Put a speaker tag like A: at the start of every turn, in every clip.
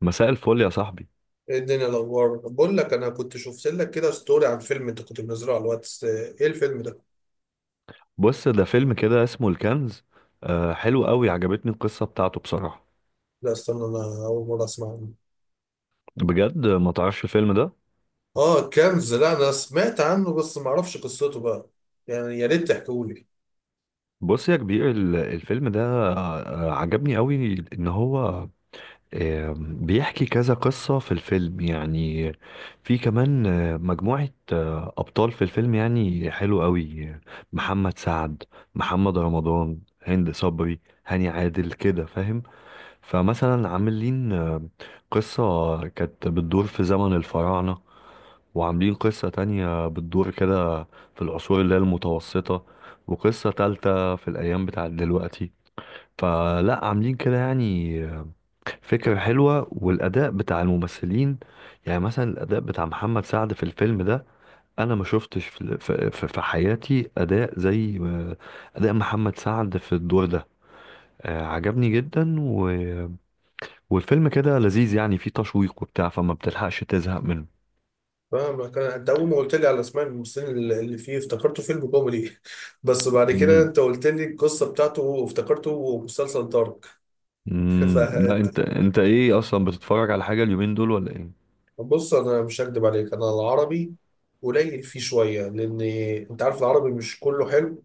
A: مساء الفل يا صاحبي.
B: ايه الدنيا، الاخبار؟ بقول لك، انا كنت شفت لك كده ستوري عن فيلم انت كنت منزله على الواتس. ايه الفيلم ده؟
A: بص ده فيلم كده اسمه الكنز. آه حلو قوي، عجبتني القصة بتاعته بصراحة.
B: لا استنى، انا اول مره اسمع عنه.
A: بجد ما تعرفش الفيلم ده؟
B: اه كنز، لا انا سمعت عنه بس ما اعرفش قصته بقى. يعني يا ريت تحكولي.
A: بص يا كبير الفيلم ده آه عجبني قوي. ان هو آه بيحكي كذا قصة في الفيلم يعني، في كمان مجموعة ابطال في الفيلم يعني حلو قوي. محمد سعد، محمد رمضان، هند صبري، هاني عادل، كده فاهم؟ فمثلا عاملين قصة كانت بتدور في زمن الفراعنة، وعاملين قصة تانية بتدور كده في العصور اللي هي المتوسطة، وقصة تالتة في الأيام بتاعت دلوقتي. فلا عاملين كده يعني فكرة حلوة. والأداء بتاع الممثلين يعني مثلا الأداء بتاع محمد سعد في الفيلم ده، أنا ما شفتش في حياتي أداء زي أداء محمد سعد في الدور ده. عجبني جدا. والفيلم كده لذيذ يعني فيه تشويق وبتاع، فما بتلحقش تزهق منه.
B: فاهمك، انا انت اول ما قلت لي على اسماء الممثلين اللي فيه افتكرته فيلم كوميدي بس بعد كده
A: امم
B: انت قلت لي القصه بتاعته وافتكرته مسلسل دارك.
A: لا،
B: فانت،
A: انت ايه اصلا بتتفرج على حاجة اليومين دول ولا ايه؟
B: بص انا مش هكدب عليك، انا العربي قليل فيه شويه، لان انت عارف العربي مش كله حلو.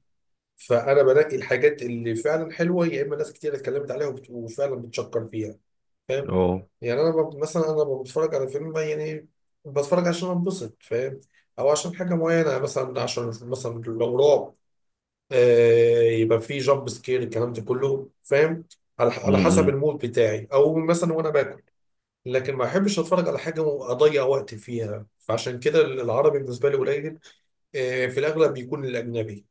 B: فانا بنقي الحاجات اللي فعلا حلوه، يا اما ناس كتير اتكلمت عليها وفعلا بتشكر فيها. فاهم؟
A: اه.
B: يعني مثلا بتفرج على فيلم يعني، بتفرج عشان انبسط، فاهم؟ او عشان حاجه معينه، مثلا عشان مثلا لو رعب، يبقى فيه جامب سكير الكلام ده كله، فاهم؟ على على حسب
A: امم
B: المود بتاعي، او مثلا وانا باكل. لكن ما احبش اتفرج على حاجه واضيع وقت فيها، فعشان كده العربي بالنسبه لي قليل. في الاغلب بيكون الاجنبي.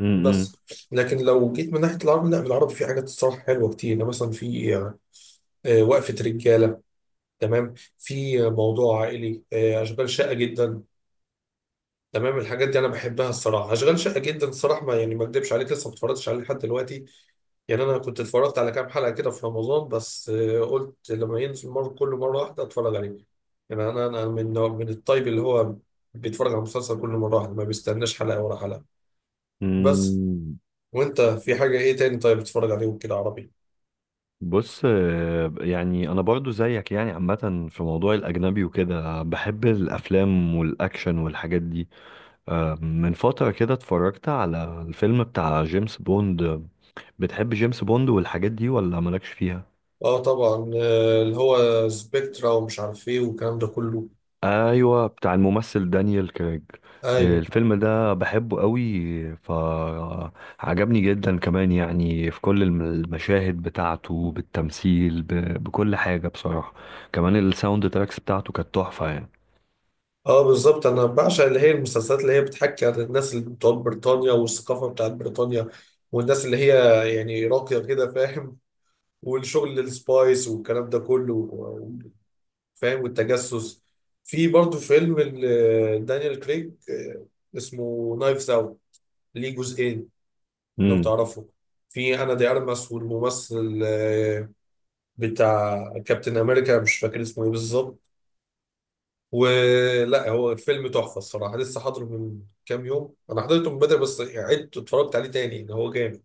A: امم
B: بس لكن لو جيت من ناحيه العربي، لا العربي في حاجات الصراحه حلوه كتير، يعني مثلا في وقفه رجاله، تمام، في موضوع عائلي، اشغال شاقه جدا، تمام. الحاجات دي انا بحبها الصراحه. اشغال شاقه جدا الصراحه، ما يعني ما اكدبش عليك، لسه ما اتفرجتش عليه لحد دلوقتي. يعني انا كنت اتفرجت على كام حلقه كده في رمضان بس، قلت لما ينزل مره كل مره واحده اتفرج عليه. يعني انا من الطيب اللي هو بيتفرج على المسلسل كل مره واحده، ما بيستناش حلقه ورا حلقه. بس
A: امم
B: وانت في حاجه ايه تاني طيب بتتفرج عليه كده عربي؟
A: بص، يعني انا برضو زيك يعني، عامة في موضوع الاجنبي وكده بحب الافلام والاكشن والحاجات دي. من فترة كده اتفرجت على الفيلم بتاع جيمس بوند. بتحب جيمس بوند والحاجات دي ولا مالكش فيها؟
B: اه طبعا، اللي هو سبيكترا ومش عارف ايه والكلام ده كله.
A: ايوه، بتاع الممثل دانيال كريج.
B: ايوه.
A: الفيلم ده بحبه قوي. فعجبني جدا كمان يعني في كل المشاهد بتاعته، بالتمثيل، بكل حاجة بصراحة. كمان الساوند تراكس بتاعته كانت تحفة يعني.
B: اه بالظبط، انا بعشق اللي هي المسلسلات اللي هي بتحكي عن الناس اللي بتوع بريطانيا والثقافه بتاعت بريطانيا، والناس اللي هي يعني راقيه كده، فاهم؟ والشغل السبايس والكلام ده كله فاهم، والتجسس. في برضه فيلم دانيال كريج، اسمه نايفز اوت، ليه جزئين لو
A: امم
B: تعرفوا. في انا دي ارمس والممثل، بتاع كابتن امريكا مش فاكر اسمه ايه بالظبط، ولا هو فيلم تحفه الصراحه. لسه حاضره من كام يوم، انا حضرته من بدري بس عدت اتفرجت عليه تاني، ان هو جامد.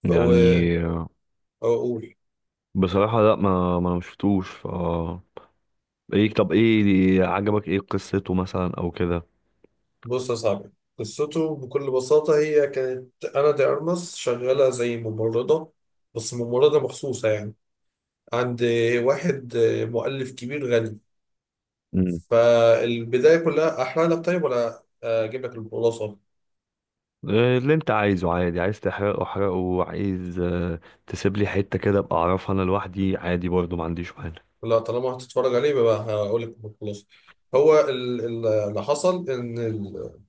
B: فهو
A: يعني
B: اقول،
A: بصراحة لا، ما شفتوش ف... ايه؟ طب ايه عجبك، ايه قصته مثلا او كده؟
B: بص يا صاحبي، قصته بكل بساطة، هي كانت أنا دي أرمس شغالة زي ممرضة، بس ممرضة مخصوصة يعني، عند واحد مؤلف كبير غني. فالبداية كلها أحرق لك طيب ولا أجيب لك الخلاصة؟
A: اللي انت عايزه عادي، عايز تحرقه احرقه، عايز تسيب لي حتة كده ابقى اعرفها انا لوحدي عادي، برضه ما عنديش مانع.
B: لا طالما هتتفرج عليه يبقى هقول لك الخلاصة. هو اللي حصل إن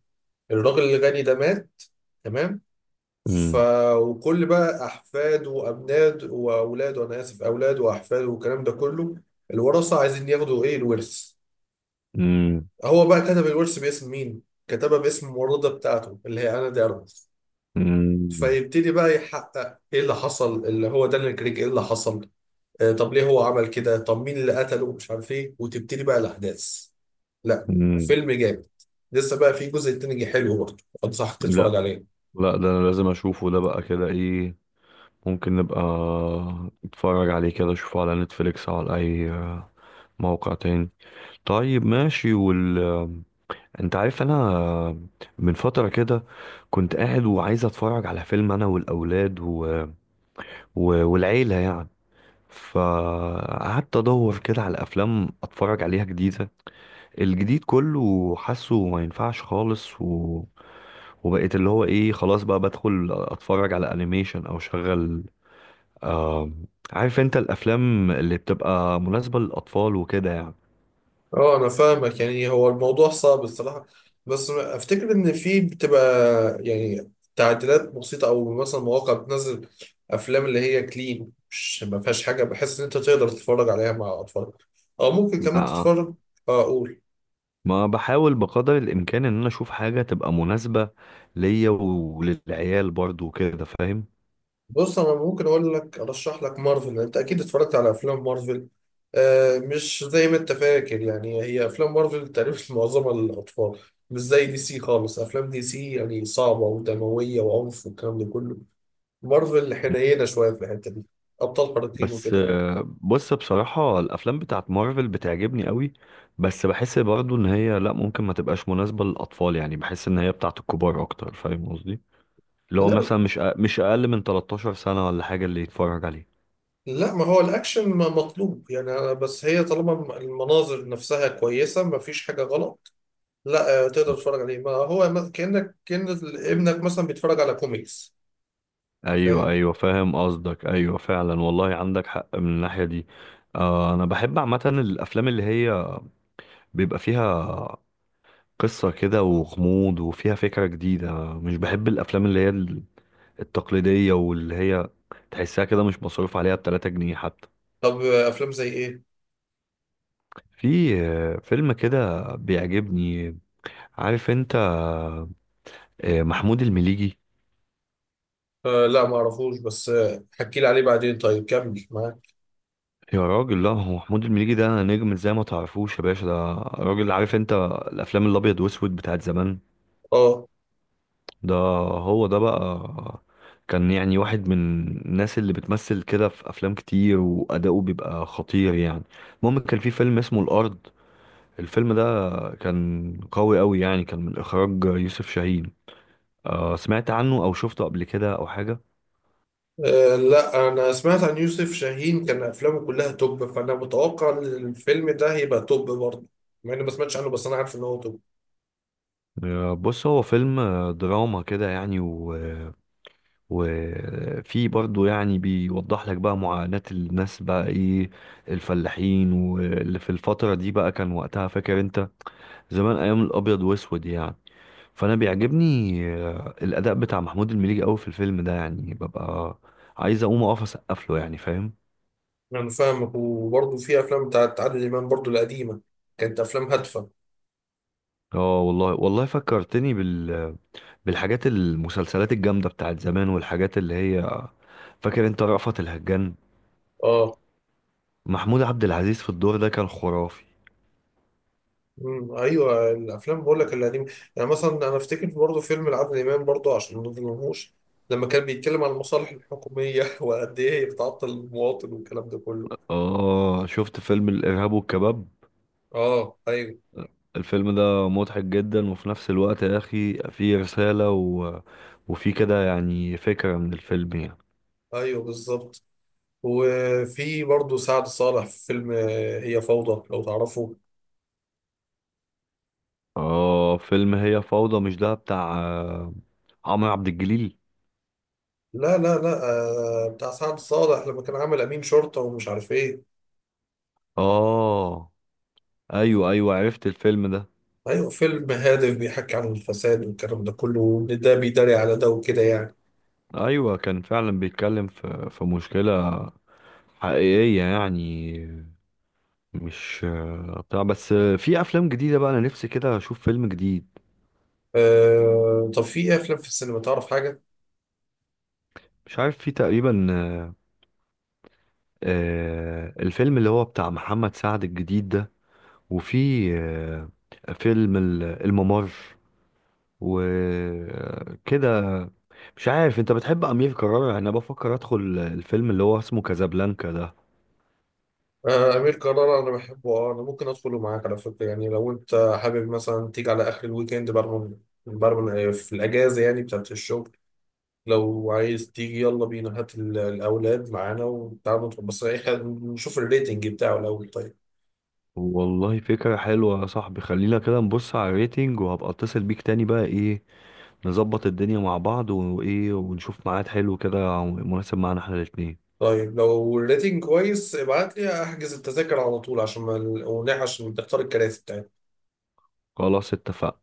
B: الراجل الغني ده مات، تمام. ف،
A: مم.
B: وكل بقى احفاد وابناد واولاد، وانا اسف، اولاد واحفاد والكلام ده كله، الورثه عايزين ياخدوا ايه الورث.
A: مم.
B: هو بقى كتب الورث باسم مين؟ كتبه باسم الممرضه بتاعته اللي هي انا دي أرمس.
A: مم.
B: فيبتدي بقى يحقق ايه اللي حصل، اللي هو دانيال كريج، ايه اللي حصل؟ آه، طب ليه هو عمل كده؟ طب مين اللي قتله؟ مش عارف ايه، وتبتدي بقى الاحداث. لا،
A: مم.
B: فيلم جامد. لسه بقى في جزء تاني حلو برضه، انصحك تتفرج
A: لا.
B: عليه.
A: لا، ده انا لازم اشوفه ده بقى كده ايه. ممكن نبقى نتفرج عليه كده، اشوفه على نتفليكس او على اي موقع تاني. طيب ماشي. وال... انت عارف انا من فترة كده كنت قاعد وعايز اتفرج على فيلم انا والاولاد و... و... والعيلة يعني، فقعدت ادور كده على افلام اتفرج عليها جديده. الجديد كله حاسه ما ينفعش خالص و... وبقيت اللي هو ايه، خلاص بقى بدخل اتفرج على انيميشن او شغل، آم... عارف انت، الافلام اللي بتبقى مناسبه للاطفال وكده يعني.
B: اه انا فاهمك، يعني هو الموضوع صعب الصراحه، بس افتكر ان في بتبقى يعني تعديلات بسيطه، او مثلا مواقع بتنزل افلام اللي هي كلين، مش ما فيهاش حاجه، بحس ان انت تقدر تتفرج عليها مع اطفالك، او ممكن كمان
A: اه،
B: تتفرج. آه، اقول
A: ما بحاول بقدر الامكان ان انا اشوف حاجه تبقى مناسبه ليا وللعيال برضو وكده فاهم.
B: بص انا ممكن اقول لك ارشح لك مارفل، انت اكيد اتفرجت على افلام مارفل. مش زي ما انت فاكر، يعني هي افلام مارفل تقريبا معظمها للاطفال، مش زي دي سي خالص. افلام دي سي يعني صعبه ودمويه وعنف والكلام ده كله، مارفل حنينه شويه في الحته دي، ابطال خارقين
A: بس
B: وكده.
A: بص بصراحة الأفلام بتاعت مارفل بتعجبني قوي. بس بحس برضو إن هي لأ ممكن ما تبقاش مناسبة للأطفال، يعني بحس إن هي بتاعت الكبار أكتر، فاهم قصدي؟ اللي هو
B: لا،
A: مثلا مش أقل من 13 سنة ولا حاجة اللي يتفرج عليه.
B: لا ما هو الاكشن ما مطلوب يعني، بس هي طالما المناظر نفسها كويسه ما فيش حاجه غلط. لا، تقدر تتفرج عليه، ما هو كانك كان ابنك مثلا بيتفرج على كوميكس،
A: أيوه
B: فاهم.
A: أيوه فاهم قصدك، أيوه فعلا والله عندك حق من الناحية دي. آه، أنا بحب عامة الأفلام اللي هي بيبقى فيها قصة كده وغموض وفيها فكرة جديدة. مش بحب الأفلام اللي هي التقليدية واللي هي تحسها كده مش مصروف عليها بتلاتة جنيه حتى.
B: طب افلام زي ايه؟
A: في فيلم كده بيعجبني، عارف انت محمود المليجي؟
B: آه لا ما اعرفوش، بس حكي لي عليه بعدين، طيب كمل معاك.
A: يا راجل لا، هو محمود المليجي ده نجم، ازاي ما تعرفوش يا باشا؟ ده راجل، عارف انت الافلام الابيض واسود بتاعت زمان؟
B: اه،
A: ده هو ده بقى، كان يعني واحد من الناس اللي بتمثل كده في افلام كتير واداؤه بيبقى خطير يعني. المهم، كان في فيلم اسمه الارض. الفيلم ده كان قوي قوي يعني، كان من اخراج يوسف شاهين. سمعت عنه او شفته قبل كده او حاجه؟
B: لا انا سمعت عن يوسف شاهين، كان افلامه كلها توب، فانا متوقع ان الفيلم ده هيبقى توب برضه، مع اني ما سمعتش عنه بس انا عارف ان هو توب.
A: بص هو فيلم دراما كده يعني، و وفي برضه يعني بيوضح لك بقى معاناة الناس بقى، ايه الفلاحين واللي في الفترة دي بقى، كان وقتها فاكر انت زمان ايام الابيض واسود يعني. فانا بيعجبني الاداء بتاع محمود المليجي قوي في الفيلم ده، يعني ببقى عايز اقوم اقف اسقف له يعني، فاهم؟
B: انا فاهمك، وبرضه في افلام بتاعت عادل امام برضه القديمه، كانت افلام هادفه.
A: اه والله والله، فكرتني بال... بالحاجات المسلسلات الجامدة بتاعت زمان والحاجات اللي هي، فاكر انت رأفت الهجان؟
B: اه.
A: محمود عبد العزيز في الدور ده كان خرافي.
B: امم، ايوه الافلام بقول لك القديمه، يعني مثلا انا افتكر برضه فيلم لعادل امام برضه عشان ما نظلمهوش، لما كان بيتكلم عن المصالح الحكوميه وقد ايه هي بتعطل المواطن والكلام ده كله.
A: اه، شفت فيلم الإرهاب والكباب؟
B: اه ايوه.
A: الفيلم ده مضحك جدا وفي نفس الوقت يا أخي فيه رسالة و... وفيه كده يعني فكرة من الفيلم يعني.
B: ايوه بالظبط. وفي برضه سعد صالح في فيلم هي فوضى لو تعرفه.
A: اه فيلم هي فوضى، مش ده بتاع عمرو عبد الجليل؟
B: لا. آه بتاع سعد صالح لما كان عامل امين شرطه ومش عارف ايه.
A: اه ايوه ايوه، عرفت الفيلم ده.
B: ايوه، فيلم هادف بيحكي عن الفساد والكلام ده كله، وان ده بيداري على ده وكده يعني.
A: ايوه كان فعلا بيتكلم في في مشكله حقيقيه يعني، مش بتاع بس. في افلام جديده بقى انا نفسي كده اشوف فيلم جديد.
B: آه طب في إيه افلام في السينما تعرف حاجه؟
A: مش عارف، في تقريبا الفيلم اللي هو بتاع محمد سعد الجديد ده، وفي آه، فيلم الممر وكده. مش عارف انت بتحب امير كرارة؟ يعني انا بفكر ادخل الفيلم اللي هو اسمه كازابلانكا ده.
B: آه امير كرارة انا بحبه، اه انا ممكن ادخله معاك على فكره، يعني لو انت حابب مثلا تيجي على اخر الويكند، برمن في الاجازه يعني بتاعت الشغل، لو عايز تيجي يلا بينا، هات الاولاد معانا وتعالوا ندخل. بس إيه، إحنا نشوف الريتنج بتاعه الاول طيب.
A: والله فكرة حلوة يا صاحبي، خلينا كده نبص على الريتنج وهبقى اتصل بيك تاني بقى ايه، نظبط الدنيا مع بعض وايه ونشوف ميعاد حلو كده مناسب معانا احنا الاتنين.
B: طيب لو الريتنج كويس ابعت لي احجز التذاكر على طول، عشان ما ونحش، عشان تختار الكراسي بتاعتنا.
A: خلاص اتفقنا.